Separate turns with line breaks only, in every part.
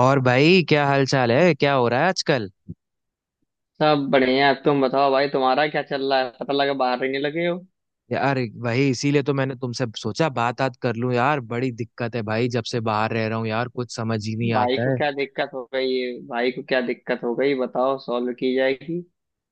और भाई क्या हाल चाल है, क्या हो रहा है आजकल।
सब बढ़िया। अब तुम बताओ भाई, तुम्हारा क्या चल रहा है। पता लगा बाहर रहने लगे हो।
यार, भाई इसीलिए तो मैंने तुमसे सोचा बात बात कर लूं यार, बड़ी दिक्कत है भाई। जब से बाहर रह रहा हूँ यार, कुछ समझ ही नहीं
भाई
आता
को
है।
क्या दिक्कत हो गई है? भाई को क्या दिक्कत हो गई बताओ, सॉल्व की जाएगी।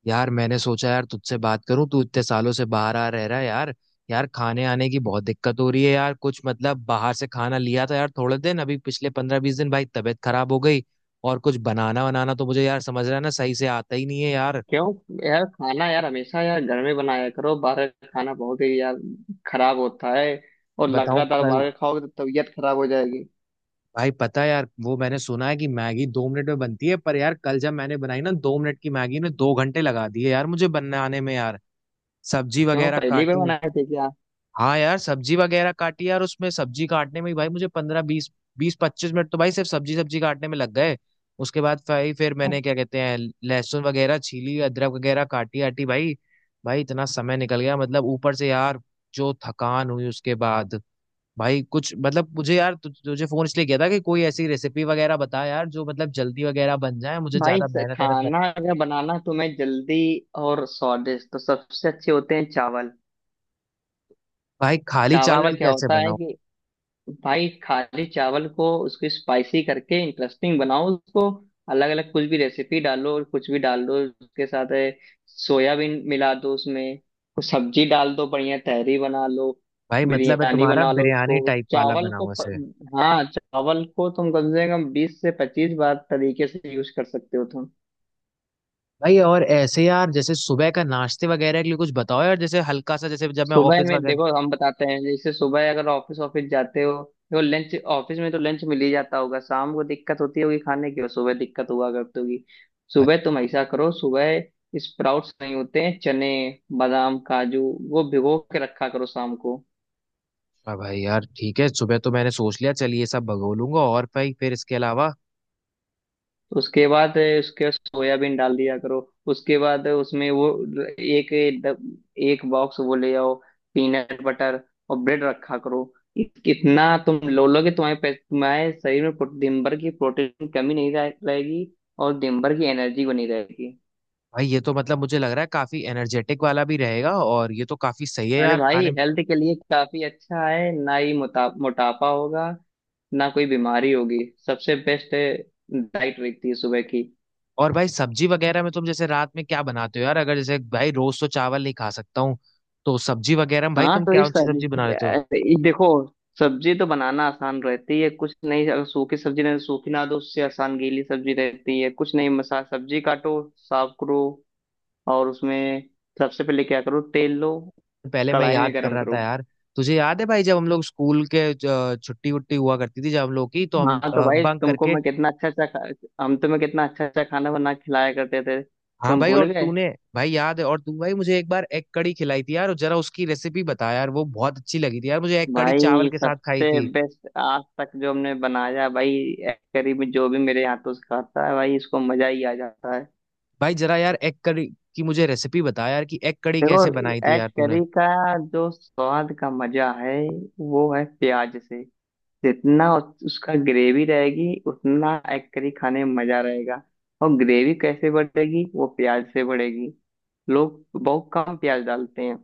यार मैंने सोचा यार तुझसे बात करूं, तू इतने सालों से बाहर आ रह रहा है यार। यार खाने आने की बहुत दिक्कत हो रही है यार। कुछ मतलब बाहर से खाना लिया था यार, थोड़े दिन अभी, पिछले 15-20 दिन भाई तबीयत खराब हो गई। और कुछ बनाना बनाना तो मुझे, यार समझ रहा है ना, सही से आता ही नहीं है यार।
क्यों? यार खाना यार हमेशा यार घर में बनाया करो। बाहर का खाना बहुत ही यार खराब होता है। और
बताओ
लगातार
कल।
बाहर का खाओगे तो तबीयत खराब हो जाएगी।
भाई पता है यार, वो मैंने सुना है कि मैगी 2 मिनट में बनती है, पर यार कल जब मैंने बनाई ना, 2 मिनट की मैगी ने 2 घंटे लगा दिए यार मुझे बनाने में यार। सब्जी
क्यों,
वगैरह
पहली बार
काटी।
बनाए थे क्या?
हाँ यार, सब्जी वगैरह काटी यार। उसमें सब्जी काटने में ही भाई मुझे 15-20, 20-25 मिनट तो भाई सिर्फ सब्जी सब्जी काटने में लग गए। उसके बाद भाई, फिर मैंने क्या कहते हैं, लहसुन वगैरह छीली, अदरक वगैरह काटी, आटी भाई। भाई इतना समय निकल गया मतलब, ऊपर से यार जो थकान हुई उसके बाद। भाई कुछ मतलब, मुझे यार तुझे फोन इसलिए किया था कि कोई ऐसी रेसिपी वगैरह बता यार, जो मतलब जल्दी वगैरह बन जाए, मुझे ज्यादा मेहनत वेहनत।
खाना अगर बनाना तुम्हें जल्दी और स्वादिष्ट, तो सबसे अच्छे होते हैं चावल।
भाई खाली
चावल
चावल
में क्या
कैसे
होता है
बनाओ।
कि भाई खाली चावल को उसको स्पाइसी करके इंटरेस्टिंग बनाओ उसको। अलग अलग कुछ भी रेसिपी डालो और कुछ भी डाल दो उसके साथ है, सोयाबीन मिला दो उसमें। कुछ सब्जी डाल दो, बढ़िया तहरी बना लो।
भाई मतलब है
बिरयानी
तुम्हारा,
बना लो
बिरयानी
उसको,
टाइप वाला
चावल को
बनाओ
प...
ऐसे।
हाँ, चावल को तुम कम से कम 20 से 25 बार तरीके से यूज कर सकते हो तुम।
भाई और ऐसे यार, जैसे सुबह का नाश्ते वगैरह के लिए कुछ बताओ यार, जैसे हल्का सा, जैसे जब मैं
सुबह
ऑफिस
में
वगैरह।
देखो हम बताते हैं, जैसे सुबह अगर ऑफिस ऑफिस जाते हो। देखो, लंच ऑफिस में तो लंच मिल ही जाता होगा, शाम को दिक्कत होती होगी खाने की, और सुबह दिक्कत हुआ करती होगी।
भाई।
सुबह तुम ऐसा करो, सुबह स्प्राउट्स नहीं होते हैं, चने, बादाम, काजू, वो भिगो के रखा करो शाम को।
हाँ भाई, यार ठीक है, सुबह तो मैंने सोच लिया, चलिए ये सब भगो लूंगा, और भाई फिर इसके अलावा।
उसके बाद उसके सोयाबीन डाल दिया करो। उसके बाद उसमें वो एक एक बॉक्स वो ले आओ, पीनट बटर और ब्रेड रखा करो। कितना तुम लो लोगे, तुम्हारे तुम्हारे शरीर में दिन भर की प्रोटीन की कमी नहीं रहेगी। और दिन भर की एनर्जी बनी रहेगी।
भाई ये तो मतलब मुझे लग रहा है काफी एनर्जेटिक वाला भी रहेगा, और ये तो काफी सही है
अरे
यार
भाई,
खाने में।
हेल्थ के लिए काफी अच्छा है। ना ही मोटापा होगा, ना कोई बीमारी होगी। सबसे बेस्ट डाइट रहती है सुबह की।
और भाई सब्जी वगैरह में तुम जैसे रात में क्या बनाते हो यार, अगर जैसे भाई रोज तो चावल नहीं खा सकता हूँ। तो सब्जी वगैरह में भाई
हाँ
तुम
तो ये
क्या ऊंची सब्जी बना लेते हो।
सब्जी देखो। सब्जी तो बनाना आसान रहती है, कुछ नहीं। अगर सूखी सब्जी नहीं, सूखी ना दो, उससे आसान गीली सब्जी रहती है। कुछ नहीं, मसा सब्जी काटो, साफ करो। और उसमें सबसे पहले क्या करो, तेल लो,
पहले मैं
कढ़ाई में
याद कर
गरम
रहा
करो।
था यार, तुझे याद है भाई जब हम लोग स्कूल के, छुट्टी वुट्टी हुआ करती थी जब हम लोग की, तो हम
हाँ तो भाई
बंक
तुमको
करके।
मैं कितना अच्छा अच्छा हम तुम्हें कितना अच्छा अच्छा खाना बना के खिलाया करते थे,
हाँ
तुम
भाई,
भूल
और
गए।
तूने, भाई याद है, और तू भाई मुझे एक बार एग कड़ी खिलाई थी यार, और जरा उसकी रेसिपी बता यार, वो बहुत अच्छी लगी थी यार मुझे। एग कड़ी चावल
भाई
के साथ खाई
सबसे
थी।
बेस्ट आज तक जो हमने बनाया। भाई करीब जो भी मेरे हाथों से खाता है, भाई इसको मजा ही आ जाता है।
भाई जरा यार एग कड़ी की मुझे रेसिपी बता यार, कि एग कड़ी
देखो,
कैसे बनाई थी
एग
यार तूने।
करी का जो स्वाद का मजा है, वो है प्याज से। जितना उसका ग्रेवी रहेगी, उतना एग करी खाने में मजा रहेगा। और ग्रेवी कैसे बढ़ेगी, वो प्याज से बढ़ेगी। लोग बहुत कम प्याज डालते हैं।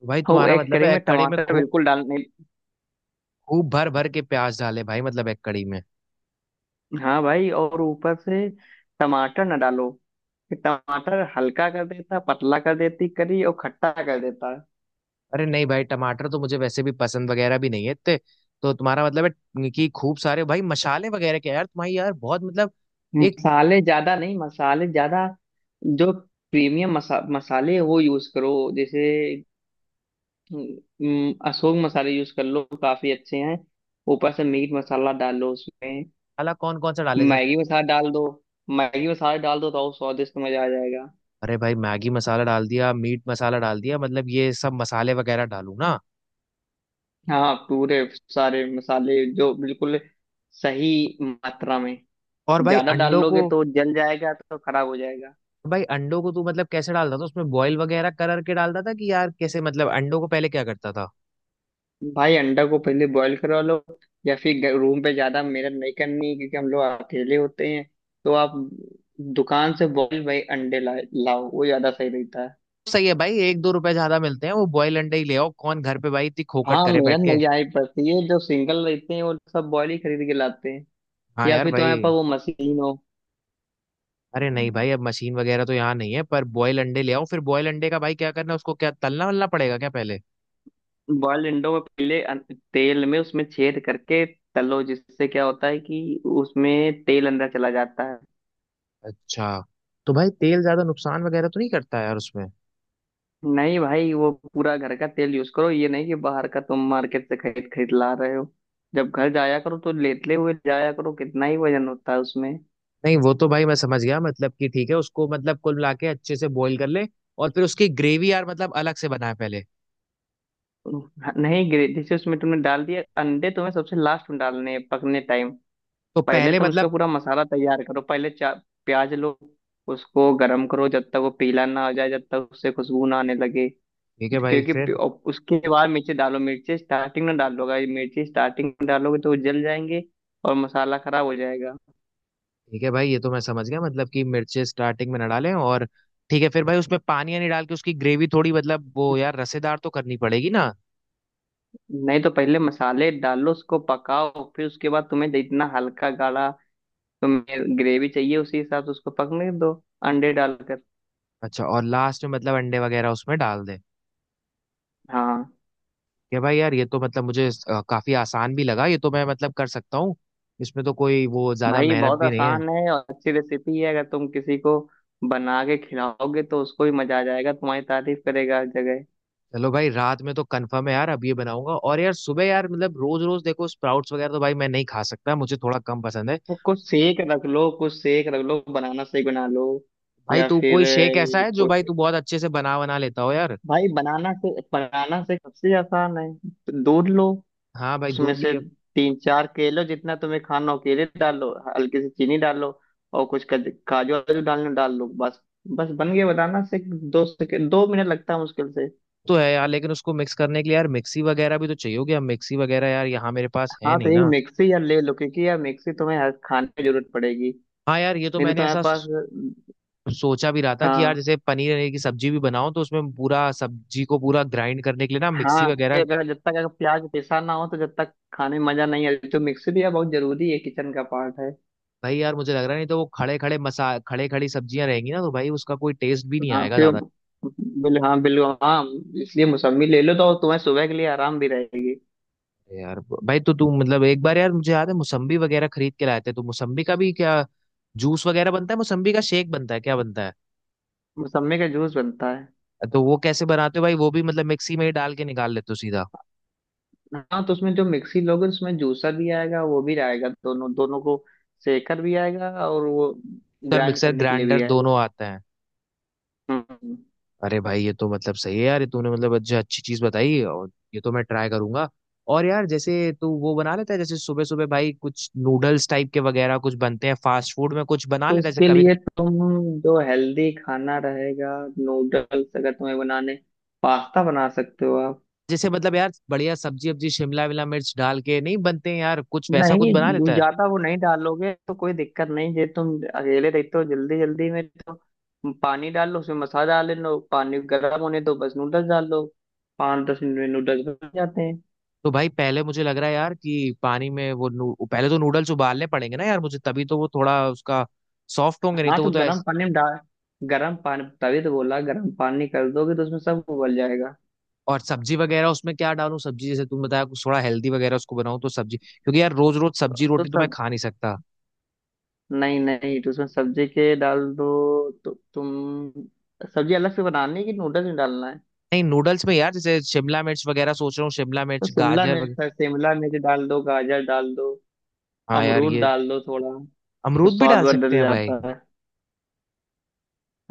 तो भाई
और वो
तुम्हारा
एग
मतलब
करी
है
में
एक कड़ी में
टमाटर
खूब,
बिल्कुल डालने।
खूब भर भर के प्याज डाले भाई मतलब एक कड़ी में।
हाँ भाई, और ऊपर से टमाटर ना डालो। टमाटर हल्का कर देता, पतला कर देती करी, और खट्टा कर देता।
अरे नहीं भाई, टमाटर तो मुझे वैसे भी पसंद वगैरह भी नहीं है इतने। तो तुम्हारा मतलब है कि खूब सारे भाई मसाले वगैरह के यार, तुम्हारी यार बहुत मतलब। एक
मसाले ज्यादा नहीं, मसाले ज्यादा, जो प्रीमियम मसाले हैं, वो यूज करो। जैसे अशोक मसाले यूज कर लो, काफी अच्छे हैं। ऊपर से मीट मसाला डाल लो उसमें।
मसाला कौन कौन सा डाले से।
मैगी मसाला डाल दो। मैगी मसाला डाल दो तो और स्वादिष्ट, मजा आ जाएगा।
अरे भाई, मैगी मसाला डाल दिया, मीट मसाला डाल दिया, मतलब ये सब मसाले वगैरह डालू ना।
हाँ, पूरे सारे मसाले जो बिल्कुल सही मात्रा में।
और भाई
ज्यादा डाल
अंडों
लोगे
को।
तो जल जाएगा, तो खराब हो जाएगा।
भाई अंडों को तू मतलब कैसे डालता था उसमें, बॉईल वगैरह कर के डालता था, कि यार कैसे मतलब अंडों को पहले क्या करता था।
भाई अंडा को पहले बॉईल करवा लो, या फिर रूम पे। ज्यादा मेहनत नहीं करनी, क्योंकि हम लोग अकेले होते हैं। तो आप दुकान से बॉईल भाई अंडे लाए लाओ, वो ज्यादा सही रहता है।
सही है भाई, 1-2 रुपए ज्यादा मिलते हैं वो, बॉयल अंडे ही ले आओ, कौन घर पे भाई इतनी खोखट
हाँ,
करे बैठ
मेहनत
के।
नहीं जानी पड़ती है। जो सिंगल रहते हैं, वो सब बॉईल ही खरीद के लाते हैं।
हाँ
या
यार
फिर तुम्हारे
भाई।
पास वो मशीन हो।
अरे नहीं भाई, अब मशीन वगैरह तो यहाँ नहीं है, पर बॉयल अंडे ले आओ, फिर बॉयल अंडे का भाई क्या करना है, उसको क्या तलना वलना पड़ेगा क्या पहले।
बॉइल्ड अंडों को पहले तेल में उसमें छेद करके तलो, जिससे क्या होता है कि उसमें तेल अंदर चला जाता है।
अच्छा। तो भाई तेल ज्यादा नुकसान वगैरह तो नहीं करता यार उसमें।
नहीं भाई, वो पूरा घर का तेल यूज करो। ये नहीं कि बाहर का तुम मार्केट से खरीद खरीद ला रहे हो। जब घर जाया करो तो लेटले हुए जाया करो, कितना ही वजन होता है उसमें।
नहीं, वो तो भाई मैं समझ गया, मतलब कि ठीक है उसको मतलब कुल मिला के अच्छे से बॉईल कर ले, और फिर उसकी ग्रेवी यार मतलब अलग से बनाए पहले।
नहीं गिरे, जैसे उसमें तुमने डाल दिया अंडे, तुम्हें सबसे लास्ट में डालने हैं, पकने टाइम।
तो
पहले
पहले
तुम उसका
मतलब।
पूरा मसाला तैयार करो। पहले चा प्याज लो, उसको गरम करो, जब तक वो पीला ना हो जाए, जब तक उससे खुशबू ना आने लगे।
ठीक है भाई फिर।
और उसके बाद मिर्ची डालो। मिर्ची स्टार्टिंग में डालोगे, मिर्ची स्टार्टिंग में डालोगे तो वो जल जाएंगे और मसाला खराब हो जाएगा।
ठीक है भाई ये तो मैं समझ गया, मतलब कि मिर्चे स्टार्टिंग में ना डालें, और ठीक है, फिर भाई उसमें पानी नहीं डाल के, उसकी ग्रेवी थोड़ी मतलब वो यार रसेदार तो करनी पड़ेगी ना।
नहीं, तो पहले मसाले डालो, उसको पकाओ, फिर उसके बाद तुम्हें जितना हल्का गाढ़ा तुम्हें ग्रेवी चाहिए, उसी हिसाब से उसको पकने दो, अंडे डालकर।
अच्छा, और लास्ट में मतलब अंडे वगैरह उसमें डाल दे।
हाँ
या भाई यार, ये तो मतलब मुझे काफी आसान भी लगा, ये तो मैं मतलब कर सकता हूँ। इसमें तो कोई वो ज्यादा
भाई,
मेहनत
बहुत
भी नहीं है।
आसान है और अच्छी रेसिपी है। अगर तुम किसी को बना के खिलाओगे तो उसको भी मजा आ जाएगा, तुम्हारी तारीफ करेगा हर जगह।
चलो भाई रात में तो कंफर्म है यार, अब ये बनाऊंगा। और यार सुबह यार मतलब, रोज रोज देखो स्प्राउट्स वगैरह तो भाई मैं नहीं खा सकता, मुझे थोड़ा कम पसंद है।
तो कुछ सेक रख लो, कुछ सेक रख लो, बनाना शेक बना लो।
भाई
या
तू
फिर
कोई शेक ऐसा है जो भाई तू बहुत अच्छे से बना बना लेता हो यार।
भाई बनाना से, सबसे आसान है। दूध लो,
हाँ भाई
उसमें
दूध
से
ले।
तीन चार केलो, जितना तुम्हें खाना हो केले डाल लो, हल्की सी चीनी डाल लो, और कुछ काजू वाजू डालना, डाल लो बस। बस बन गया बताना से। 2 सेकेंड, 2 मिनट लगता है मुश्किल से।
तो है यार, लेकिन उसको मिक्स करने के लिए यार मिक्सी वगैरह भी तो चाहिए होगी, अब मिक्सी वगैरह यार यहाँ मेरे पास है
हाँ तो
नहीं
एक
ना।
मिक्सी यार ले लो, क्योंकि यार मिक्सी तुम्हें हर खाने की जरूरत पड़ेगी।
हाँ यार, ये तो
नहीं तो
मैंने
तुम्हारे
ऐसा
पास,
सोचा भी रहा था कि यार,
हाँ
जैसे पनीर वनीर की सब्जी भी बनाओ तो उसमें पूरा सब्जी को पूरा ग्राइंड करने के लिए ना मिक्सी
हाँ, क्योंकि
वगैरह।
अगर जब तक अगर प्याज पिसा ना हो तो जब तक खाने में मजा नहीं आ रही। तो मिक्सी भी यार बहुत जरूरी है, किचन का पार्ट है।
भाई यार मुझे लग रहा है, नहीं तो वो खड़े खड़े मसा खड़े खड़ी सब्जियां रहेंगी ना, तो भाई उसका कोई टेस्ट भी नहीं
हाँ
आएगा
फिर
ज्यादा।
बिल हाँ, बिल्कुल, हाँ। इसलिए मौसम्मी ले लो, तो तुम्हें सुबह के लिए आराम भी रहेगी।
यार भाई, तो तू मतलब एक बार, यार मुझे याद है मौसम्बी वगैरह खरीद के लाए थे, तो मौसम्बी का भी क्या जूस वगैरह बनता है, मौसम्बी का शेक बनता है, क्या बनता है।
मौसम्मी का जूस बनता है।
तो वो कैसे बनाते हो भाई, वो भी मतलब मिक्सी में ही डाल के निकाल लेते हो सीधा।
हाँ, तो उसमें जो मिक्सी लोगे उसमें जूसर भी आएगा, वो भी आएगा, दोनों दोनों को सेकर भी आएगा, और वो
मिक्सर
ग्राइंड
मिक्सर
करने के लिए
ग्राइंडर
भी
दोनों
आएगा।
आते हैं।
हम्म
अरे भाई, ये तो मतलब सही है यार, ये तूने मतलब अच्छा, अच्छी चीज बताई, और ये तो मैं ट्राई करूंगा। और यार जैसे तू वो बना लेता है, जैसे सुबह सुबह भाई कुछ नूडल्स टाइप के वगैरह कुछ बनते हैं फास्ट फूड में, कुछ बना
तो
लेता है जैसे
उसके
कभी।
लिए तुम, जो हेल्दी खाना रहेगा, नूडल्स अगर तुम्हें बनाने, पास्ता बना सकते हो आप।
जैसे मतलब यार बढ़िया सब्जी वब्जी शिमला विमला मिर्च डाल के नहीं बनते हैं यार, कुछ वैसा कुछ
नहीं,
बना
जो
लेता है।
ज्यादा वो नहीं डालोगे तो कोई दिक्कत नहीं। जे तुम अकेले रहते हो जल्दी जल्दी में, तो पानी डाल लो, उसमें मसाला डाल लो, पानी गर्म होने दो, बस नूडल्स डाल लो। 5-10 मिनट में नूडल्स बन जाते हैं।
तो भाई पहले मुझे लग रहा है यार कि पानी में वो पहले तो नूडल्स उबालने पड़ेंगे ना यार मुझे, तभी तो वो थोड़ा उसका सॉफ्ट होंगे, नहीं
हाँ
तो वो
तो
तो।
गर्म पानी में डाल, गर्म पानी, तभी तो बोला। गर्म पानी कर दोगे तो उसमें सब उबल जाएगा।
और सब्जी वगैरह उसमें क्या डालूं, सब्जी जैसे तुम बताया कुछ थोड़ा हेल्दी वगैरह उसको बनाऊं, तो सब्जी, क्योंकि यार रोज रोज सब्जी
तो
रोटी तो मैं
सब,
खा नहीं सकता।
नहीं नहीं, तो उसमें सब्जी के डाल दो। तो तुम सब्जी अलग से बनानी है कि नूडल्स में डालना है।
नहीं, नूडल्स में यार जैसे शिमला मिर्च वगैरह सोच रहा हूँ, शिमला
तो
मिर्च
शिमला
गाजर वगैरह।
मिर्च है, शिमला मिर्च डाल दो, गाजर डाल दो,
हाँ यार
अमरूद
ये।
डाल दो थोड़ा, तो
अमरूद भी
स्वाद
डाल सकते
बदल
हैं भाई।
जाता है।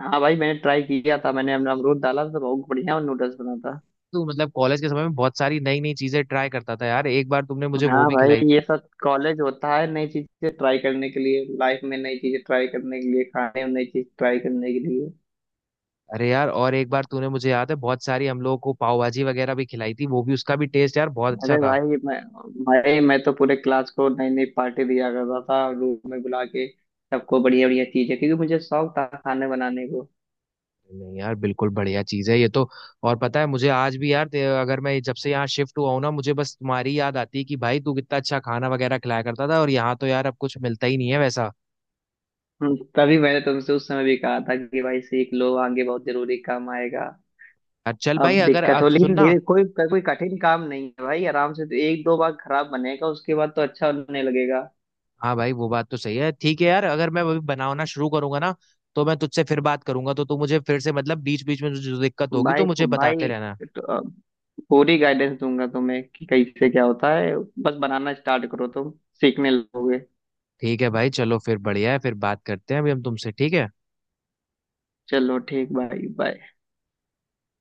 हाँ भाई, मैंने ट्राई किया था, मैंने अपना अमरूद डाला था, तो बहुत बढ़िया नूडल्स बना था।
तो मतलब कॉलेज के समय में बहुत सारी नई नई चीजें ट्राई करता था यार, एक बार तुमने मुझे वो
हाँ
भी
भाई,
खिलाई थी।
ये सब कॉलेज होता है, नई चीजें ट्राई करने के लिए, लाइफ में नई चीजें ट्राई करने के लिए, खाने में नई चीज ट्राई करने के लिए।
अरे यार, और एक बार तूने मुझे याद है बहुत सारी हम लोगों को पाव भाजी वगैरह भी खिलाई थी, वो भी, उसका भी टेस्ट यार बहुत अच्छा
अरे
था।
भाई, मैं तो पूरे क्लास को नई नई पार्टी दिया करता था, रूम में बुला के सबको बढ़िया बढ़िया चीजें, क्योंकि मुझे शौक था खाने बनाने को।
नहीं यार बिल्कुल बढ़िया चीज है ये तो। और पता है मुझे आज भी यार, अगर मैं, जब से यहाँ शिफ्ट हुआ हूं ना, मुझे बस तुम्हारी याद आती है कि भाई तू कितना अच्छा खाना वगैरह खिलाया करता था, और यहाँ तो यार अब कुछ मिलता ही नहीं है वैसा।
तभी मैंने तुमसे उस समय भी कहा था कि भाई सीख लो, आगे बहुत जरूरी काम आएगा।
यार चल
अब
भाई, अगर
दिक्कत
अब
हो, लेकिन
सुनना।
धीरे कोई कोई कठिन काम नहीं है भाई। आराम से, तो एक दो बार खराब बनेगा, उसके बाद तो अच्छा होने लगेगा।
हाँ भाई वो बात तो सही है, ठीक है यार अगर मैं अभी बनाना शुरू करूंगा ना, तो मैं तुझसे फिर बात करूंगा, तो तू मुझे फिर से मतलब बीच बीच में जो जो दिक्कत होगी तो
भाई
मुझे बताते
भाई
रहना।
तो, पूरी गाइडेंस दूंगा तुम्हें कि कैसे क्या होता है। बस बनाना स्टार्ट करो तुम, सीखने लगोगे।
ठीक है भाई, चलो फिर, बढ़िया है, फिर बात करते हैं अभी हम तुमसे, ठीक है।
चलो ठीक भाई, बाय।